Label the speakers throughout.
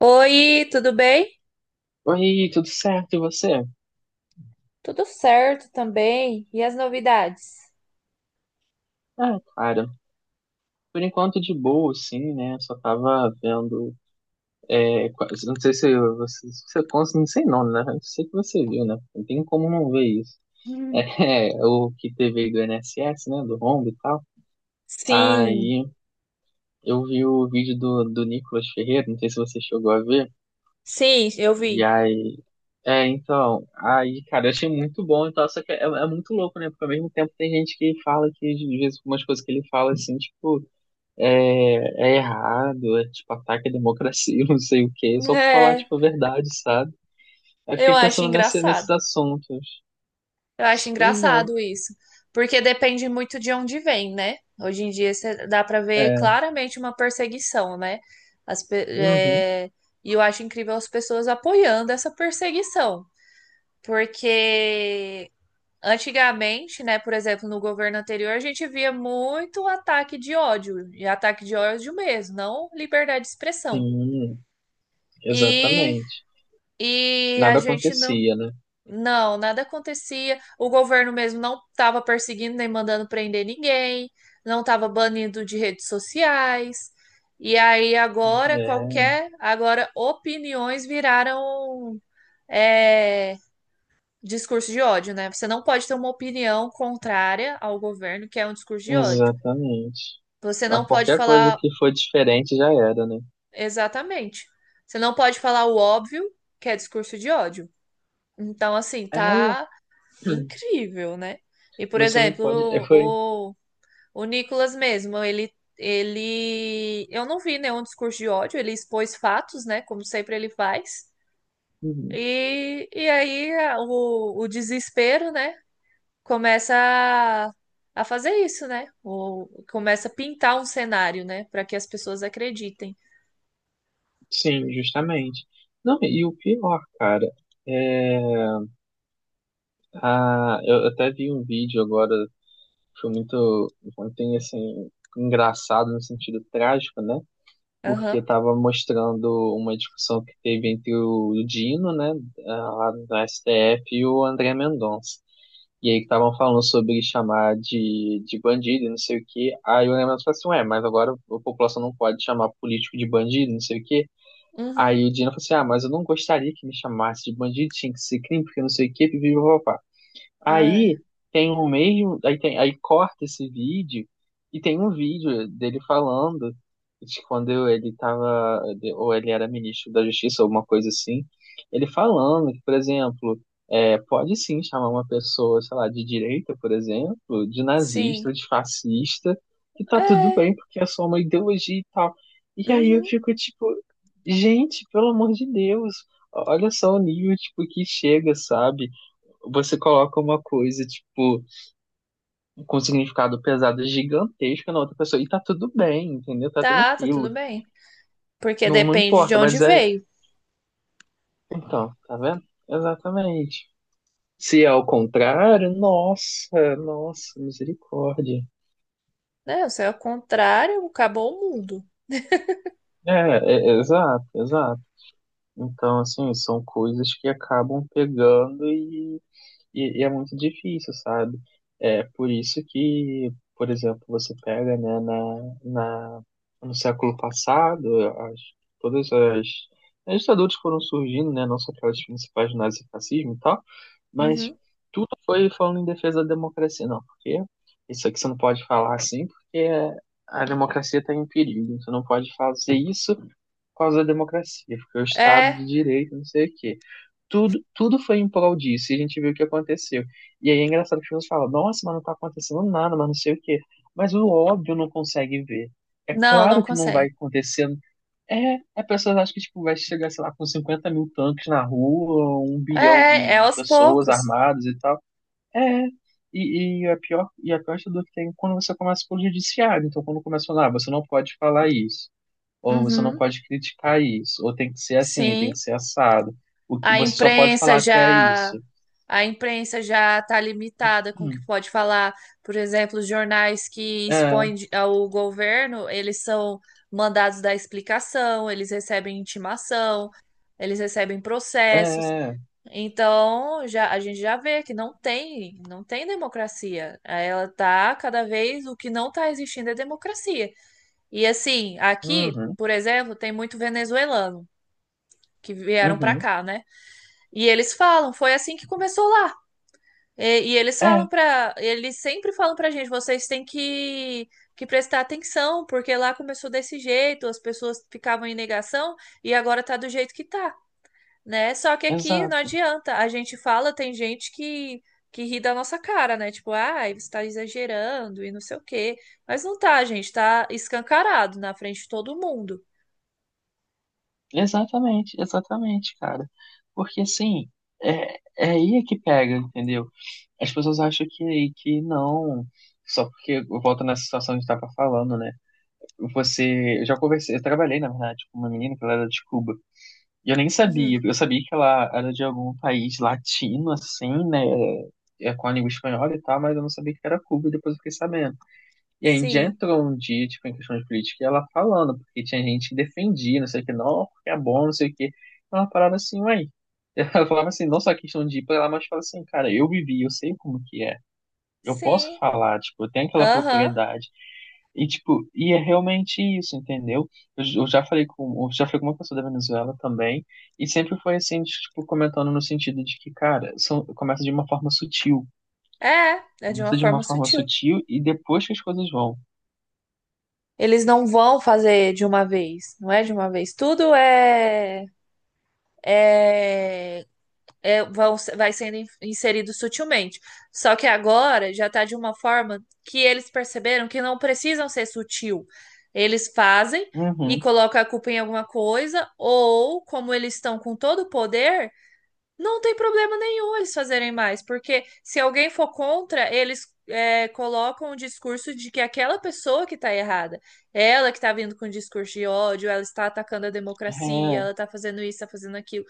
Speaker 1: Oi, tudo bem?
Speaker 2: Oi, tudo certo? E você?
Speaker 1: Tudo certo também. E as novidades?
Speaker 2: Ah, cara, por enquanto de boa, sim, né? Só tava vendo. É, não sei se você, se você cons- não sei não, né? Eu sei que você viu, né? Não tem como não ver isso. É,
Speaker 1: Hum.
Speaker 2: o que teve aí do INSS, né? Do rombo e tal.
Speaker 1: Sim,
Speaker 2: Aí eu vi o vídeo do Nicolas Ferreira, não sei se você chegou a ver.
Speaker 1: sim, eu
Speaker 2: E
Speaker 1: vi.
Speaker 2: aí, então, aí, cara, eu achei muito bom e tal, só que é muito louco, né? Porque ao mesmo tempo tem gente que fala que, às vezes, umas coisas que ele fala, assim, tipo, é errado, é tipo ataque à democracia, não sei o quê, só pra falar
Speaker 1: É,
Speaker 2: tipo a verdade, sabe? Aí
Speaker 1: eu
Speaker 2: fiquei
Speaker 1: acho
Speaker 2: pensando nesses
Speaker 1: engraçado.
Speaker 2: assuntos.
Speaker 1: Eu acho
Speaker 2: Pois é,
Speaker 1: engraçado isso, porque depende muito de onde vem, né? Hoje em dia dá pra ver
Speaker 2: é,
Speaker 1: claramente uma perseguição, né? As pe-
Speaker 2: uhum,
Speaker 1: é, E eu acho incrível as pessoas apoiando essa perseguição, porque antigamente, né, por exemplo, no governo anterior, a gente via muito ataque de ódio, e ataque de ódio mesmo, não liberdade de expressão.
Speaker 2: sim,
Speaker 1: E,
Speaker 2: exatamente.
Speaker 1: e a
Speaker 2: Nada
Speaker 1: gente não,
Speaker 2: acontecia, né?
Speaker 1: não, Nada acontecia. O governo mesmo não estava perseguindo nem mandando prender ninguém, não estava banindo de redes sociais. E aí agora
Speaker 2: É,
Speaker 1: agora opiniões viraram é, discurso de ódio, né? Você não pode ter uma opinião contrária ao governo, que é um discurso de ódio.
Speaker 2: exatamente.
Speaker 1: Você não
Speaker 2: A
Speaker 1: pode
Speaker 2: qualquer coisa
Speaker 1: falar
Speaker 2: que for diferente já era, né?
Speaker 1: exatamente. Você não pode falar o óbvio, que é discurso de ódio. Então, assim,
Speaker 2: É,
Speaker 1: tá incrível, né? E, por
Speaker 2: você não
Speaker 1: exemplo,
Speaker 2: pode.
Speaker 1: o Nicolas mesmo, ele, ele. Eu não vi nenhum discurso de ódio, ele expôs fatos, né? Como sempre ele faz.
Speaker 2: Uhum,
Speaker 1: O desespero, né? Começa a fazer isso, né? Ou começa a pintar um cenário, né? Para que as pessoas acreditem.
Speaker 2: sim, justamente. Não, e o pior, cara, é, eu até vi um vídeo agora. Foi muito, ontem, assim, engraçado no sentido trágico, né? Porque
Speaker 1: Aham.
Speaker 2: estava mostrando uma discussão que teve entre o Dino, né, lá do STF, e o André Mendonça. E aí que estavam falando sobre chamar de bandido e não sei o quê. Aí o André Mendonça falou assim, ué, mas agora a população não pode chamar político de bandido, não sei o quê. Aí
Speaker 1: Uhum.
Speaker 2: o Dino falou assim, ah, mas eu não gostaria que me chamasse de bandido, tinha que ser crime, porque não sei o quê, pipi.
Speaker 1: Ai,
Speaker 2: Aí tem o mesmo, aí tem, aí corta esse vídeo e tem um vídeo dele falando de quando ele tava, ou ele era ministro da Justiça, alguma coisa assim, ele falando que, por exemplo, pode sim chamar uma pessoa, sei lá, de direita, por exemplo, de
Speaker 1: sim.
Speaker 2: nazista, de fascista, que tá tudo
Speaker 1: É.
Speaker 2: bem porque é só uma ideologia e tal. E aí eu
Speaker 1: Uhum.
Speaker 2: fico tipo, gente, pelo amor de Deus, olha só o nível tipo que chega, sabe? Você coloca uma coisa, tipo, com um significado pesado gigantesco na outra pessoa. E tá tudo bem, entendeu? Tá
Speaker 1: Tá, tudo
Speaker 2: tranquilo.
Speaker 1: bem. Porque
Speaker 2: Não, não
Speaker 1: depende de
Speaker 2: importa,
Speaker 1: onde
Speaker 2: mas é.
Speaker 1: veio,
Speaker 2: Então, tá vendo? Exatamente. Se é ao contrário, nossa, nossa, misericórdia.
Speaker 1: né? Se é o contrário, acabou o mundo.
Speaker 2: É, é, é, exato, exato. Então, assim, são coisas que acabam pegando, e é muito difícil, sabe? É por isso que, por exemplo, você pega, né, no século passado, as, todas as ditaduras que foram surgindo, né, não só aquelas principais do nazifascismo e tal, mas
Speaker 1: Uhum.
Speaker 2: tudo foi falando em defesa da democracia. Não, porque isso aqui você não pode falar assim, porque a democracia está em perigo. Você não pode fazer isso por causa da democracia, porque é o Estado
Speaker 1: É.
Speaker 2: de Direito, não sei o quê. Tudo foi em prol disso, e a gente viu o que aconteceu. E aí é engraçado que as pessoas falam, nossa, mas não tá acontecendo nada, mas não sei o quê. Mas o óbvio não consegue ver. É
Speaker 1: Não, não
Speaker 2: claro que não vai
Speaker 1: consegue.
Speaker 2: acontecer. É, a pessoa acha que tipo, vai chegar, sei lá, com 50 mil tanques na rua, 1 bilhão
Speaker 1: É,
Speaker 2: de,
Speaker 1: é
Speaker 2: de
Speaker 1: aos
Speaker 2: pessoas
Speaker 1: poucos.
Speaker 2: armadas e tal. É, a pior dor que tem é quando você começa pelo judiciário. Então, quando começa a falar, você não pode falar isso ou você não
Speaker 1: Uhum.
Speaker 2: pode criticar isso, ou tem que ser assim, tem que
Speaker 1: Sim.
Speaker 2: ser assado. O que
Speaker 1: A
Speaker 2: você só pode falar
Speaker 1: imprensa
Speaker 2: até
Speaker 1: já
Speaker 2: isso.
Speaker 1: A imprensa já está limitada com o que
Speaker 2: Hum,
Speaker 1: pode falar. Por exemplo, os jornais que
Speaker 2: é,
Speaker 1: ao governo, eles são mandados dar explicação, eles recebem intimação, eles recebem processos.
Speaker 2: é,
Speaker 1: Então, já a gente já vê que não tem democracia. Ela tá cada vez o que não está existindo é democracia. E assim, aqui,
Speaker 2: uhum,
Speaker 1: por exemplo, tem muito venezuelano que vieram para
Speaker 2: uhum,
Speaker 1: cá, né? E eles falam, foi assim que começou lá.
Speaker 2: é,
Speaker 1: Eles sempre falam pra gente, vocês têm que prestar atenção, porque lá começou desse jeito, as pessoas ficavam em negação e agora tá do jeito que tá, né? Só que aqui não
Speaker 2: exato.
Speaker 1: adianta, a gente fala, tem gente que ri da nossa cara, né? Tipo, ai, você tá exagerando e não sei o quê. Mas não tá, gente, tá escancarado na frente de todo mundo.
Speaker 2: Exatamente, exatamente, cara. Porque assim, é aí é que pega, entendeu? As pessoas acham que não. Só porque volta nessa situação que a gente tava falando, né? Eu trabalhei, na verdade, com uma menina que ela era de Cuba. E eu nem
Speaker 1: Uhum.
Speaker 2: sabia, eu sabia que ela era de algum país latino, assim, né? Com a língua espanhola e tal, mas eu não sabia que era Cuba, e depois eu fiquei sabendo. E a Índia
Speaker 1: Sim,
Speaker 2: entrou um dia, tipo, em questão de política, e ela falando, porque tinha gente que defendia, não sei o que, não, porque é bom, não sei o que. Ela parava assim, uai. Ela falava assim, não só a questão de ir pra lá, mas fala assim, cara, eu vivi, eu sei como que é. Eu posso
Speaker 1: sim,
Speaker 2: falar, tipo, eu tenho aquela
Speaker 1: aham.
Speaker 2: propriedade. E, tipo, e é realmente isso, entendeu? Eu já falei com uma pessoa da Venezuela também, e sempre foi assim, de, tipo, comentando no sentido de que, cara, começa de uma forma sutil.
Speaker 1: É, é de uma
Speaker 2: Começa de uma
Speaker 1: forma
Speaker 2: forma
Speaker 1: sutil.
Speaker 2: sutil e depois que as coisas vão.
Speaker 1: Eles não vão fazer de uma vez, não é de uma vez. Tudo é, vai sendo inserido sutilmente. Só que agora já está de uma forma que eles perceberam que não precisam ser sutil. Eles fazem e
Speaker 2: Uhum,
Speaker 1: colocam a culpa em alguma coisa, ou como eles estão com todo o poder. Não tem problema nenhum eles fazerem mais, porque se alguém for contra, eles colocam o discurso de que aquela pessoa que tá errada, ela que tá vindo com discurso de ódio, ela está atacando a democracia,
Speaker 2: é,
Speaker 1: ela tá fazendo isso, tá fazendo aquilo.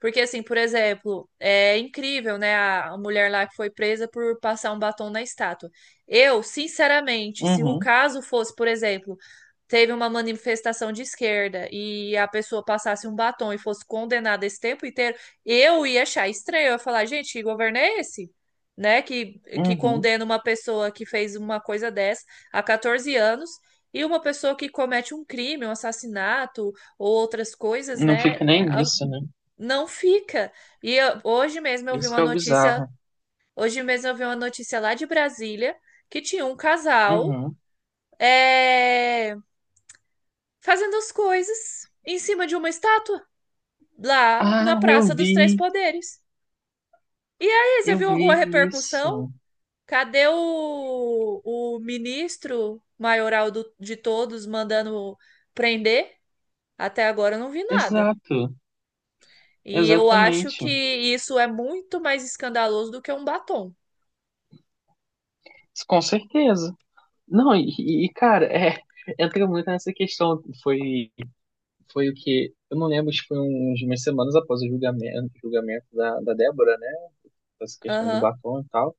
Speaker 1: Porque, assim, por exemplo, é incrível, né, a mulher lá que foi presa por passar um batom na estátua. Eu, sinceramente, se o
Speaker 2: uhum,
Speaker 1: caso fosse, por exemplo, teve uma manifestação de esquerda e a pessoa passasse um batom e fosse condenada esse tempo inteiro. Eu ia achar estranho, eu ia falar, gente, que governo é esse? Né? Que
Speaker 2: uhum.
Speaker 1: condena uma pessoa que fez uma coisa dessa a 14 anos e uma pessoa que comete um crime, um assassinato ou outras coisas,
Speaker 2: Não
Speaker 1: né?
Speaker 2: fica nem
Speaker 1: a-
Speaker 2: nisso, né?
Speaker 1: Não fica. Hoje mesmo eu vi
Speaker 2: Isso que
Speaker 1: uma
Speaker 2: é o
Speaker 1: notícia,
Speaker 2: bizarro.
Speaker 1: hoje mesmo eu vi uma notícia lá de Brasília que tinha um casal
Speaker 2: Uhum.
Speaker 1: é, fazendo as coisas em cima de uma estátua lá
Speaker 2: Ah,
Speaker 1: na
Speaker 2: eu
Speaker 1: Praça dos Três
Speaker 2: vi,
Speaker 1: Poderes. E aí, você
Speaker 2: eu
Speaker 1: viu alguma
Speaker 2: vi
Speaker 1: repercussão?
Speaker 2: isso.
Speaker 1: Cadê o ministro maioral de todos mandando prender? Até agora eu não vi nada.
Speaker 2: Exato,
Speaker 1: E eu acho que
Speaker 2: exatamente.
Speaker 1: isso é muito mais escandaloso do que um batom.
Speaker 2: Com certeza. Não, cara, entra muito nessa questão. Foi o que. Eu não lembro se foi uns umas semanas após o julgamento da Débora, né? Essa questão do
Speaker 1: Aham,
Speaker 2: batom e tal.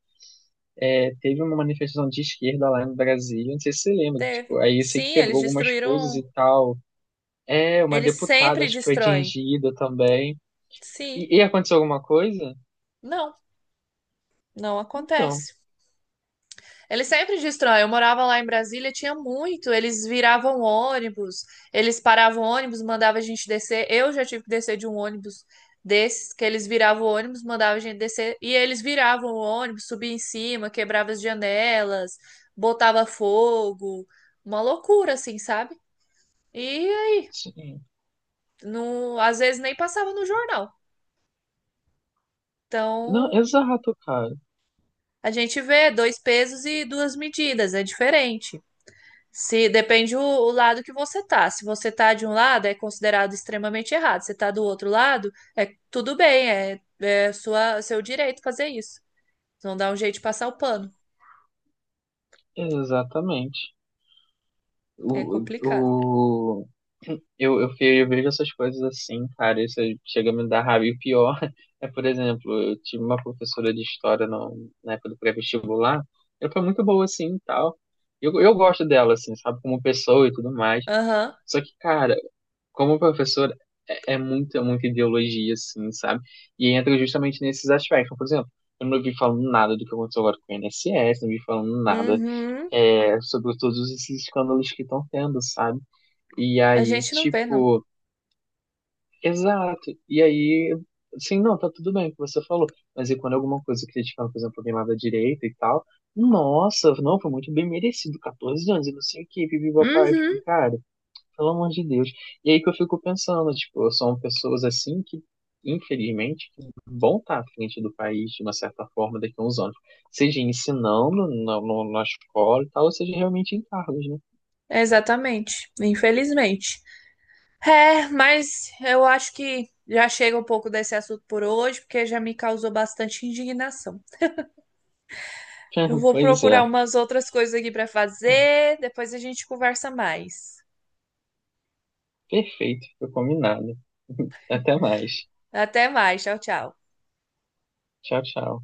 Speaker 2: É, teve uma manifestação de esquerda lá em Brasília, não sei se você lembra, que, tipo,
Speaker 1: teve.
Speaker 2: aí eu sei que
Speaker 1: Sim,
Speaker 2: quebrou
Speaker 1: eles
Speaker 2: algumas coisas e
Speaker 1: destruíram.
Speaker 2: tal. É, uma
Speaker 1: Eles
Speaker 2: deputada,
Speaker 1: sempre
Speaker 2: acho que foi
Speaker 1: destroem.
Speaker 2: atingida também.
Speaker 1: Sim,
Speaker 2: E aconteceu alguma coisa?
Speaker 1: não, não
Speaker 2: Então,
Speaker 1: acontece. Eles sempre destroem. Eu morava lá em Brasília, tinha muito. Eles viravam ônibus, eles paravam ônibus, mandavam a gente descer. Eu já tive que descer de um ônibus desses, que eles viravam o ônibus, mandavam a gente descer. E eles viravam o ônibus, subia em cima, quebrava as janelas, botava fogo. Uma loucura, assim, sabe? E aí,
Speaker 2: sim.
Speaker 1: não, às vezes nem passava no jornal.
Speaker 2: Não,
Speaker 1: Então,
Speaker 2: exato, cara.
Speaker 1: a gente vê dois pesos e duas medidas, é diferente. Se depende o lado que você tá. Se você tá de um lado, é considerado extremamente errado. Se tá do outro lado, é tudo bem, é, é seu direito fazer isso. Não dá um jeito de passar o pano.
Speaker 2: Exatamente.
Speaker 1: É complicado.
Speaker 2: O, eu, fe- eu vejo essas coisas assim, cara, isso chega a me dar raiva. E o pior é, por exemplo, eu tive uma professora de história no, na época do pré-vestibular, ela foi muito boa assim e tal. Eu gosto dela, assim, sabe, como pessoa e tudo mais.
Speaker 1: Aham.
Speaker 2: Só que, cara, como professora, é muita, muita ideologia, assim, sabe? E entra justamente nesses aspectos. Por exemplo, eu não vi falando nada do que aconteceu agora com o INSS, não vi falando nada
Speaker 1: Uhum.
Speaker 2: sobre todos esses escândalos que estão tendo, sabe? E
Speaker 1: A
Speaker 2: aí,
Speaker 1: gente não vê, não.
Speaker 2: tipo. Exato. E aí, assim, não, tá tudo bem o que você falou. Mas e quando alguma coisa criticaram, por exemplo, alguém lá da direita e tal? Nossa, não, foi muito bem merecido, 14 anos e não sei o que, vive a pai. Eu
Speaker 1: Uhum.
Speaker 2: fico, cara, pelo amor de Deus. E aí que eu fico pensando, tipo, são pessoas assim que, infelizmente, que vão estar à frente do país, de uma certa forma, daqui a uns anos. Seja ensinando na, no- na escola e tal, ou seja realmente em cargos, né?
Speaker 1: Exatamente. Infelizmente. É, mas eu acho que já chega um pouco desse assunto por hoje, porque já me causou bastante indignação. Eu vou
Speaker 2: Pois é,
Speaker 1: procurar umas outras coisas aqui para fazer, depois a gente conversa mais.
Speaker 2: perfeito, foi combinado. Até mais.
Speaker 1: Até mais, tchau, tchau.
Speaker 2: Tchau, tchau.